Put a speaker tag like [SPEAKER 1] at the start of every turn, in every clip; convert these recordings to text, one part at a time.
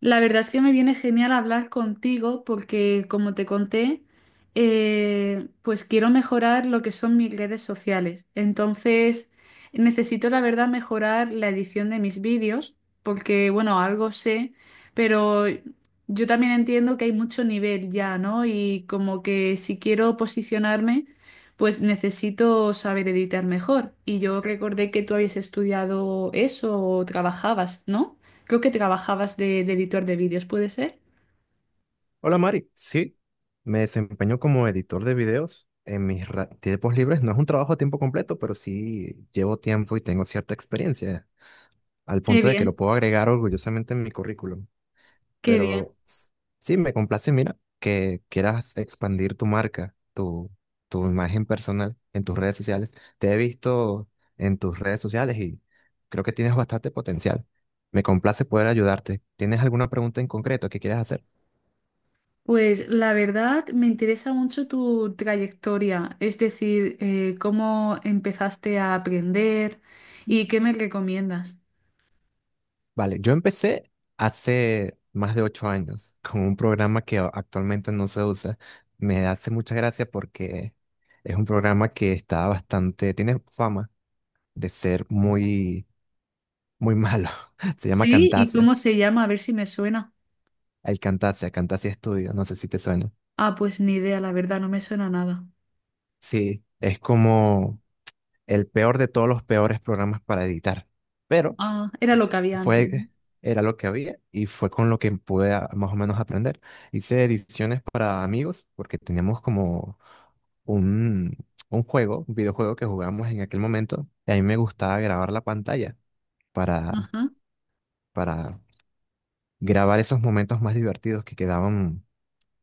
[SPEAKER 1] La verdad es que me viene genial hablar contigo porque, como te conté, pues quiero mejorar lo que son mis redes sociales. Entonces, necesito, la verdad, mejorar la edición de mis vídeos porque, bueno, algo sé, pero yo también entiendo que hay mucho nivel ya, ¿no? Y como que si quiero posicionarme, pues necesito saber editar mejor. Y yo recordé que tú habías estudiado eso o trabajabas, ¿no? Creo que trabajabas de editor de vídeos, ¿puede ser?
[SPEAKER 2] Hola Mari, sí, me desempeño como editor de videos en mis tiempos libres. No es un trabajo a tiempo completo, pero sí llevo tiempo y tengo cierta experiencia, al
[SPEAKER 1] Qué
[SPEAKER 2] punto de que lo
[SPEAKER 1] bien,
[SPEAKER 2] puedo agregar orgullosamente en mi currículum.
[SPEAKER 1] qué bien.
[SPEAKER 2] Pero s- sí, me complace, mira, que quieras expandir tu marca, tu imagen personal en tus redes sociales. Te he visto en tus redes sociales y creo que tienes bastante potencial. Me complace poder ayudarte. ¿Tienes alguna pregunta en concreto que quieras hacer?
[SPEAKER 1] Pues la verdad me interesa mucho tu trayectoria, es decir, cómo empezaste a aprender y qué me recomiendas.
[SPEAKER 2] Vale, yo empecé hace más de 8 años con un programa que actualmente no se usa. Me hace mucha gracia porque es un programa que está bastante, tiene fama de ser muy malo. Se llama
[SPEAKER 1] Sí, ¿y
[SPEAKER 2] Camtasia,
[SPEAKER 1] cómo se llama? A ver si me suena.
[SPEAKER 2] el Camtasia, Camtasia Studio, no sé si te suena.
[SPEAKER 1] Ah, pues ni idea, la verdad, no me suena nada.
[SPEAKER 2] Sí, es como el peor de todos los peores programas para editar. Pero
[SPEAKER 1] Ah, era lo que había antes, ¿no?
[SPEAKER 2] fue, era lo que había y fue con lo que pude más o menos aprender. Hice ediciones para amigos porque teníamos como un, un juego, un videojuego que jugábamos en aquel momento y a mí me gustaba grabar la pantalla para,
[SPEAKER 1] Ajá,
[SPEAKER 2] para grabar esos momentos más divertidos que quedaban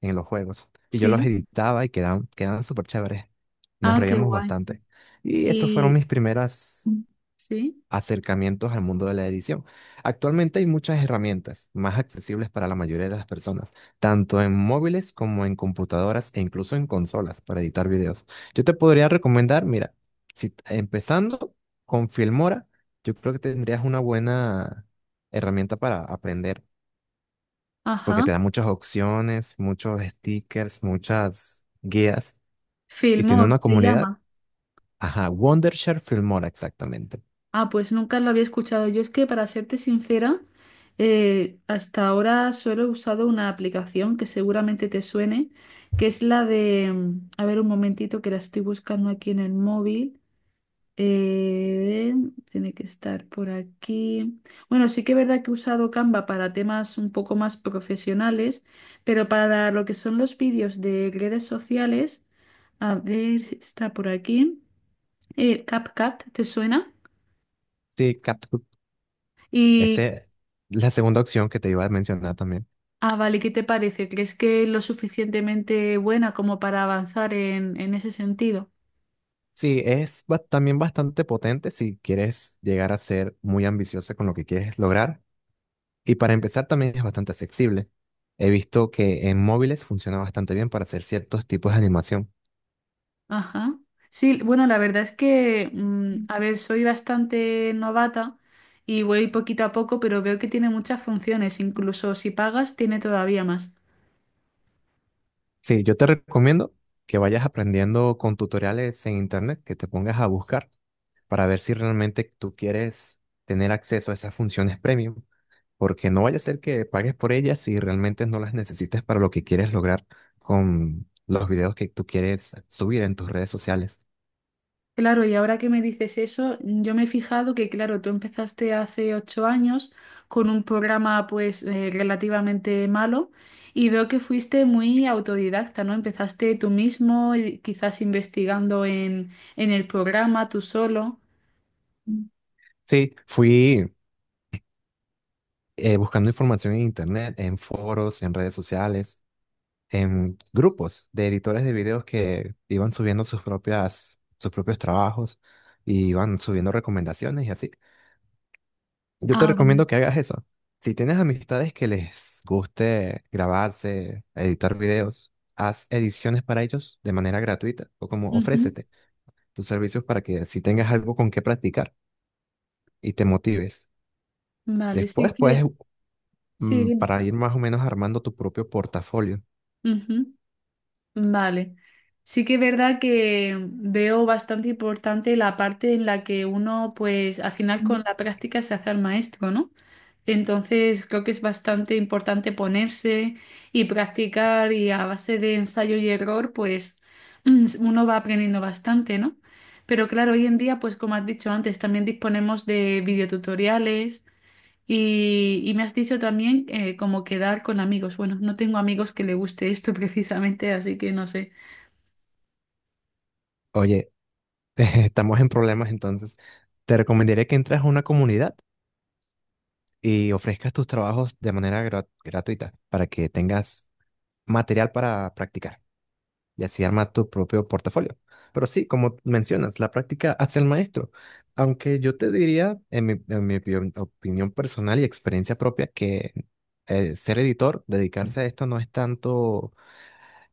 [SPEAKER 2] en los juegos. Y yo los
[SPEAKER 1] sí.
[SPEAKER 2] editaba y quedaban súper chéveres. Nos
[SPEAKER 1] Ah, qué
[SPEAKER 2] reíamos
[SPEAKER 1] guay.
[SPEAKER 2] bastante. Y esos fueron
[SPEAKER 1] Y
[SPEAKER 2] mis primeras,
[SPEAKER 1] sí,
[SPEAKER 2] acercamientos al mundo de la edición. Actualmente hay muchas herramientas más accesibles para la mayoría de las personas, tanto en móviles como en computadoras e incluso en consolas para editar videos. Yo te podría recomendar, mira, si empezando con Filmora, yo creo que tendrías una buena herramienta para aprender, porque
[SPEAKER 1] ajá.
[SPEAKER 2] te da muchas opciones, muchos stickers, muchas guías y tiene
[SPEAKER 1] Filmor
[SPEAKER 2] una
[SPEAKER 1] se
[SPEAKER 2] comunidad.
[SPEAKER 1] llama.
[SPEAKER 2] Ajá, Wondershare Filmora, exactamente.
[SPEAKER 1] Ah, pues nunca lo había escuchado. Yo es que, para serte sincera, hasta ahora solo he usado una aplicación que seguramente te suene, que es la de... A ver, un momentito que la estoy buscando aquí en el móvil. Eh, Tiene que estar por aquí. Bueno, sí que es verdad que he usado Canva para temas un poco más profesionales, pero para lo que son los vídeos de redes sociales, a ver si está por aquí. CapCut, ¿te suena?
[SPEAKER 2] Sí,
[SPEAKER 1] Y
[SPEAKER 2] ese, la segunda opción que te iba a mencionar también.
[SPEAKER 1] ah, vale, ¿qué te parece? ¿Crees que es lo suficientemente buena como para avanzar en ese sentido?
[SPEAKER 2] Sí, es también bastante potente si quieres llegar a ser muy ambiciosa con lo que quieres lograr. Y para empezar también es bastante accesible. He visto que en móviles funciona bastante bien para hacer ciertos tipos de animación.
[SPEAKER 1] Ajá. Sí, bueno, la verdad es que, a ver, soy bastante novata y voy poquito a poco, pero veo que tiene muchas funciones, incluso si pagas, tiene todavía más.
[SPEAKER 2] Sí, yo te recomiendo que vayas aprendiendo con tutoriales en internet, que te pongas a buscar para ver si realmente tú quieres tener acceso a esas funciones premium, porque no vaya a ser que pagues por ellas si realmente no las necesitas para lo que quieres lograr con los videos que tú quieres subir en tus redes sociales.
[SPEAKER 1] Claro, y ahora que me dices eso, yo me he fijado que, claro, tú empezaste hace 8 años con un programa pues relativamente malo y veo que fuiste muy autodidacta, ¿no? Empezaste tú mismo, y quizás investigando en el programa tú solo.
[SPEAKER 2] Mm. Sí, fui buscando información en internet, en foros, en redes sociales, en grupos de editores de videos que iban subiendo sus propias, sus propios trabajos y iban subiendo recomendaciones y así. Yo te
[SPEAKER 1] Ah, vale.
[SPEAKER 2] recomiendo que hagas eso. Si tienes amistades que les guste grabarse, editar videos, haz ediciones para ellos de manera gratuita o como
[SPEAKER 1] Ujú.
[SPEAKER 2] ofrécete tus servicios para que si tengas algo con qué practicar y te motives.
[SPEAKER 1] Vale, sí
[SPEAKER 2] Después
[SPEAKER 1] que, sí, dime.
[SPEAKER 2] para ir más o menos armando tu propio portafolio.
[SPEAKER 1] Ujú. Vale. Sí que es verdad que veo bastante importante la parte en la que uno, pues al final con
[SPEAKER 2] Mm.
[SPEAKER 1] la práctica se hace al maestro, ¿no? Entonces creo que es bastante importante ponerse y practicar y a base de ensayo y error, pues uno va aprendiendo bastante, ¿no? Pero claro, hoy en día, pues como has dicho antes, también disponemos de videotutoriales y me has dicho también como quedar con amigos. Bueno, no tengo amigos que le guste esto precisamente, así que no sé.
[SPEAKER 2] Oye, estamos en problemas entonces. Te recomendaría que entres a una comunidad y ofrezcas tus trabajos de manera gratuita para que tengas material para practicar, y así arma tu propio portafolio. Pero sí, como mencionas, la práctica hace al maestro. Aunque yo te diría, en mi opinión personal y experiencia propia, que ser editor, dedicarse a esto no es tanto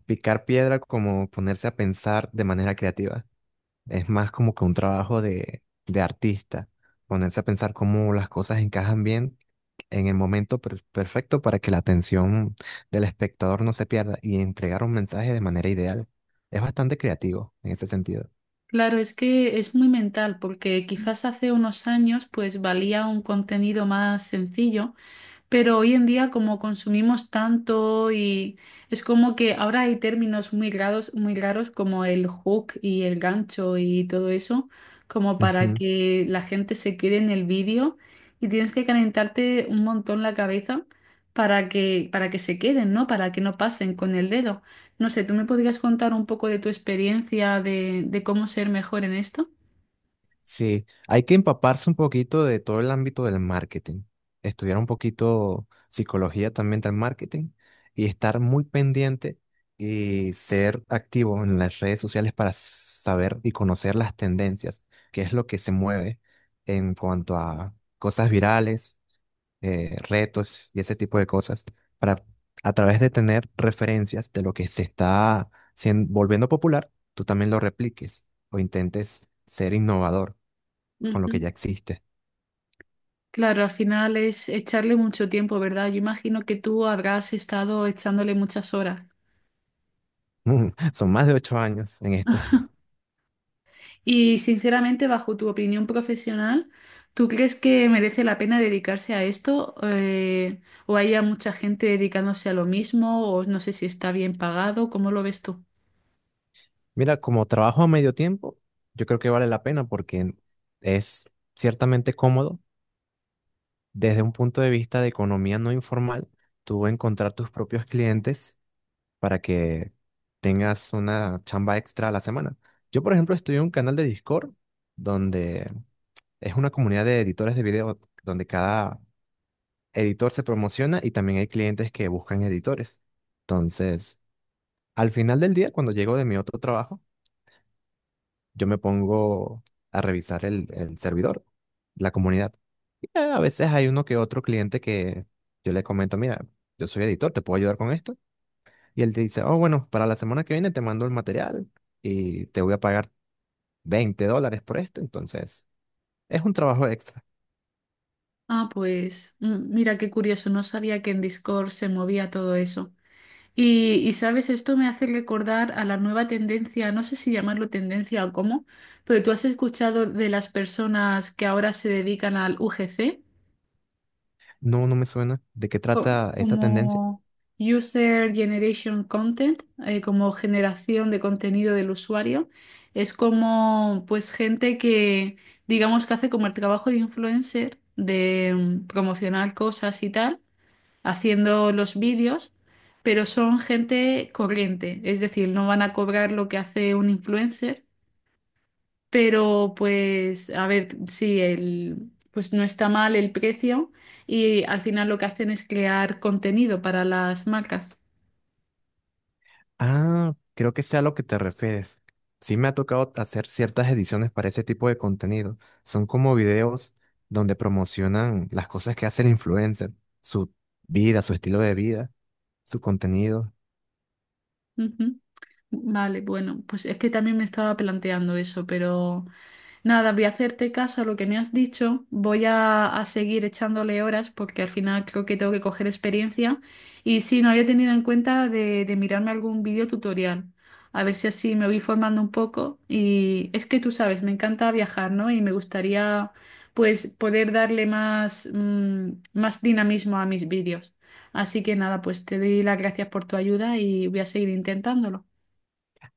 [SPEAKER 2] picar piedra como ponerse a pensar de manera creativa. Es más como que un trabajo de artista, ponerse a pensar cómo las cosas encajan bien en el momento perfecto para que la atención del espectador no se pierda y entregar un mensaje de manera ideal. Es bastante creativo en ese sentido.
[SPEAKER 1] Claro, es que es muy mental, porque quizás hace unos años pues valía un contenido más sencillo. Pero hoy en día, como consumimos tanto y es como que ahora hay términos muy raros como el hook y el gancho y todo eso, como para que la gente se quede en el vídeo y tienes que calentarte un montón la cabeza para que se queden, ¿no? Para que no pasen con el dedo. No sé, ¿tú me podrías contar un poco de tu experiencia de cómo ser mejor en esto?
[SPEAKER 2] Sí, hay que empaparse un poquito de todo el ámbito del marketing, estudiar un poquito psicología también del marketing y estar muy pendiente y ser activo en las redes sociales para saber y conocer las tendencias, qué es lo que se mueve en cuanto a cosas virales, retos y ese tipo de cosas, para a través de tener referencias de lo que se está volviendo popular, tú también lo repliques o intentes ser innovador con lo que ya existe.
[SPEAKER 1] Claro, al final es echarle mucho tiempo, ¿verdad? Yo imagino que tú habrás estado echándole muchas horas.
[SPEAKER 2] Mm, son más de 8 años en esto.
[SPEAKER 1] Y sinceramente, bajo tu opinión profesional, ¿tú crees que merece la pena dedicarse a esto? ¿O haya mucha gente dedicándose a lo mismo? ¿O no sé si está bien pagado? ¿Cómo lo ves tú?
[SPEAKER 2] Mira, como trabajo a medio tiempo, yo creo que vale la pena porque es ciertamente cómodo desde un punto de vista de economía no informal, tú encontrar tus propios clientes para que tengas una chamba extra a la semana. Yo, por ejemplo, estoy en un canal de Discord donde es una comunidad de editores de video donde cada editor se promociona y también hay clientes que buscan editores. Entonces, al final del día, cuando llego de mi otro trabajo, yo me pongo a revisar el servidor, la comunidad. Y, a veces hay uno que otro cliente que yo le comento, mira, yo soy editor, ¿te puedo ayudar con esto? Y él te dice, oh, bueno, para la semana que viene te mando el material y te voy a pagar $20 por esto. Entonces, es un trabajo extra.
[SPEAKER 1] Ah, pues mira qué curioso, no sabía que en Discord se movía todo eso. Y, sabes, esto me hace recordar a la nueva tendencia, no sé si llamarlo tendencia o cómo, pero tú has escuchado de las personas que ahora se dedican al UGC.
[SPEAKER 2] No, no me suena. ¿De qué
[SPEAKER 1] Co-
[SPEAKER 2] trata esa tendencia?
[SPEAKER 1] Como User Generation Content, como generación de contenido del usuario. Es como pues gente que digamos que hace como el trabajo de influencer, de promocionar cosas y tal haciendo los vídeos, pero son gente corriente, es decir, no van a cobrar lo que hace un influencer, pero pues a ver, sí, el, pues no está mal el precio y al final lo que hacen es crear contenido para las marcas.
[SPEAKER 2] Ah, creo que sea a lo que te refieres. Sí me ha tocado hacer ciertas ediciones para ese tipo de contenido. Son como videos donde promocionan las cosas que hace el influencer, su vida, su estilo de vida, su contenido.
[SPEAKER 1] Ujú. Vale, bueno, pues es que también me estaba planteando eso, pero nada, voy a hacerte caso a lo que me has dicho, voy a seguir echándole horas porque al final creo que tengo que coger experiencia y sí, no había tenido en cuenta de mirarme algún vídeo tutorial, a ver si así me voy formando un poco y es que tú sabes, me encanta viajar, ¿no? Y me gustaría pues poder darle más, más dinamismo a mis vídeos. Así que nada, pues te doy las gracias por tu ayuda y voy a seguir intentándolo.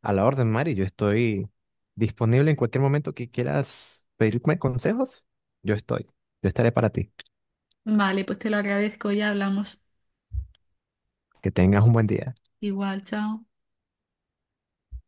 [SPEAKER 2] A la orden, Mari, yo estoy disponible en cualquier momento que quieras pedirme consejos. Yo estoy. Yo estaré para ti.
[SPEAKER 1] Vale, pues te lo agradezco, ya hablamos.
[SPEAKER 2] Que tengas un buen día.
[SPEAKER 1] Igual, chao.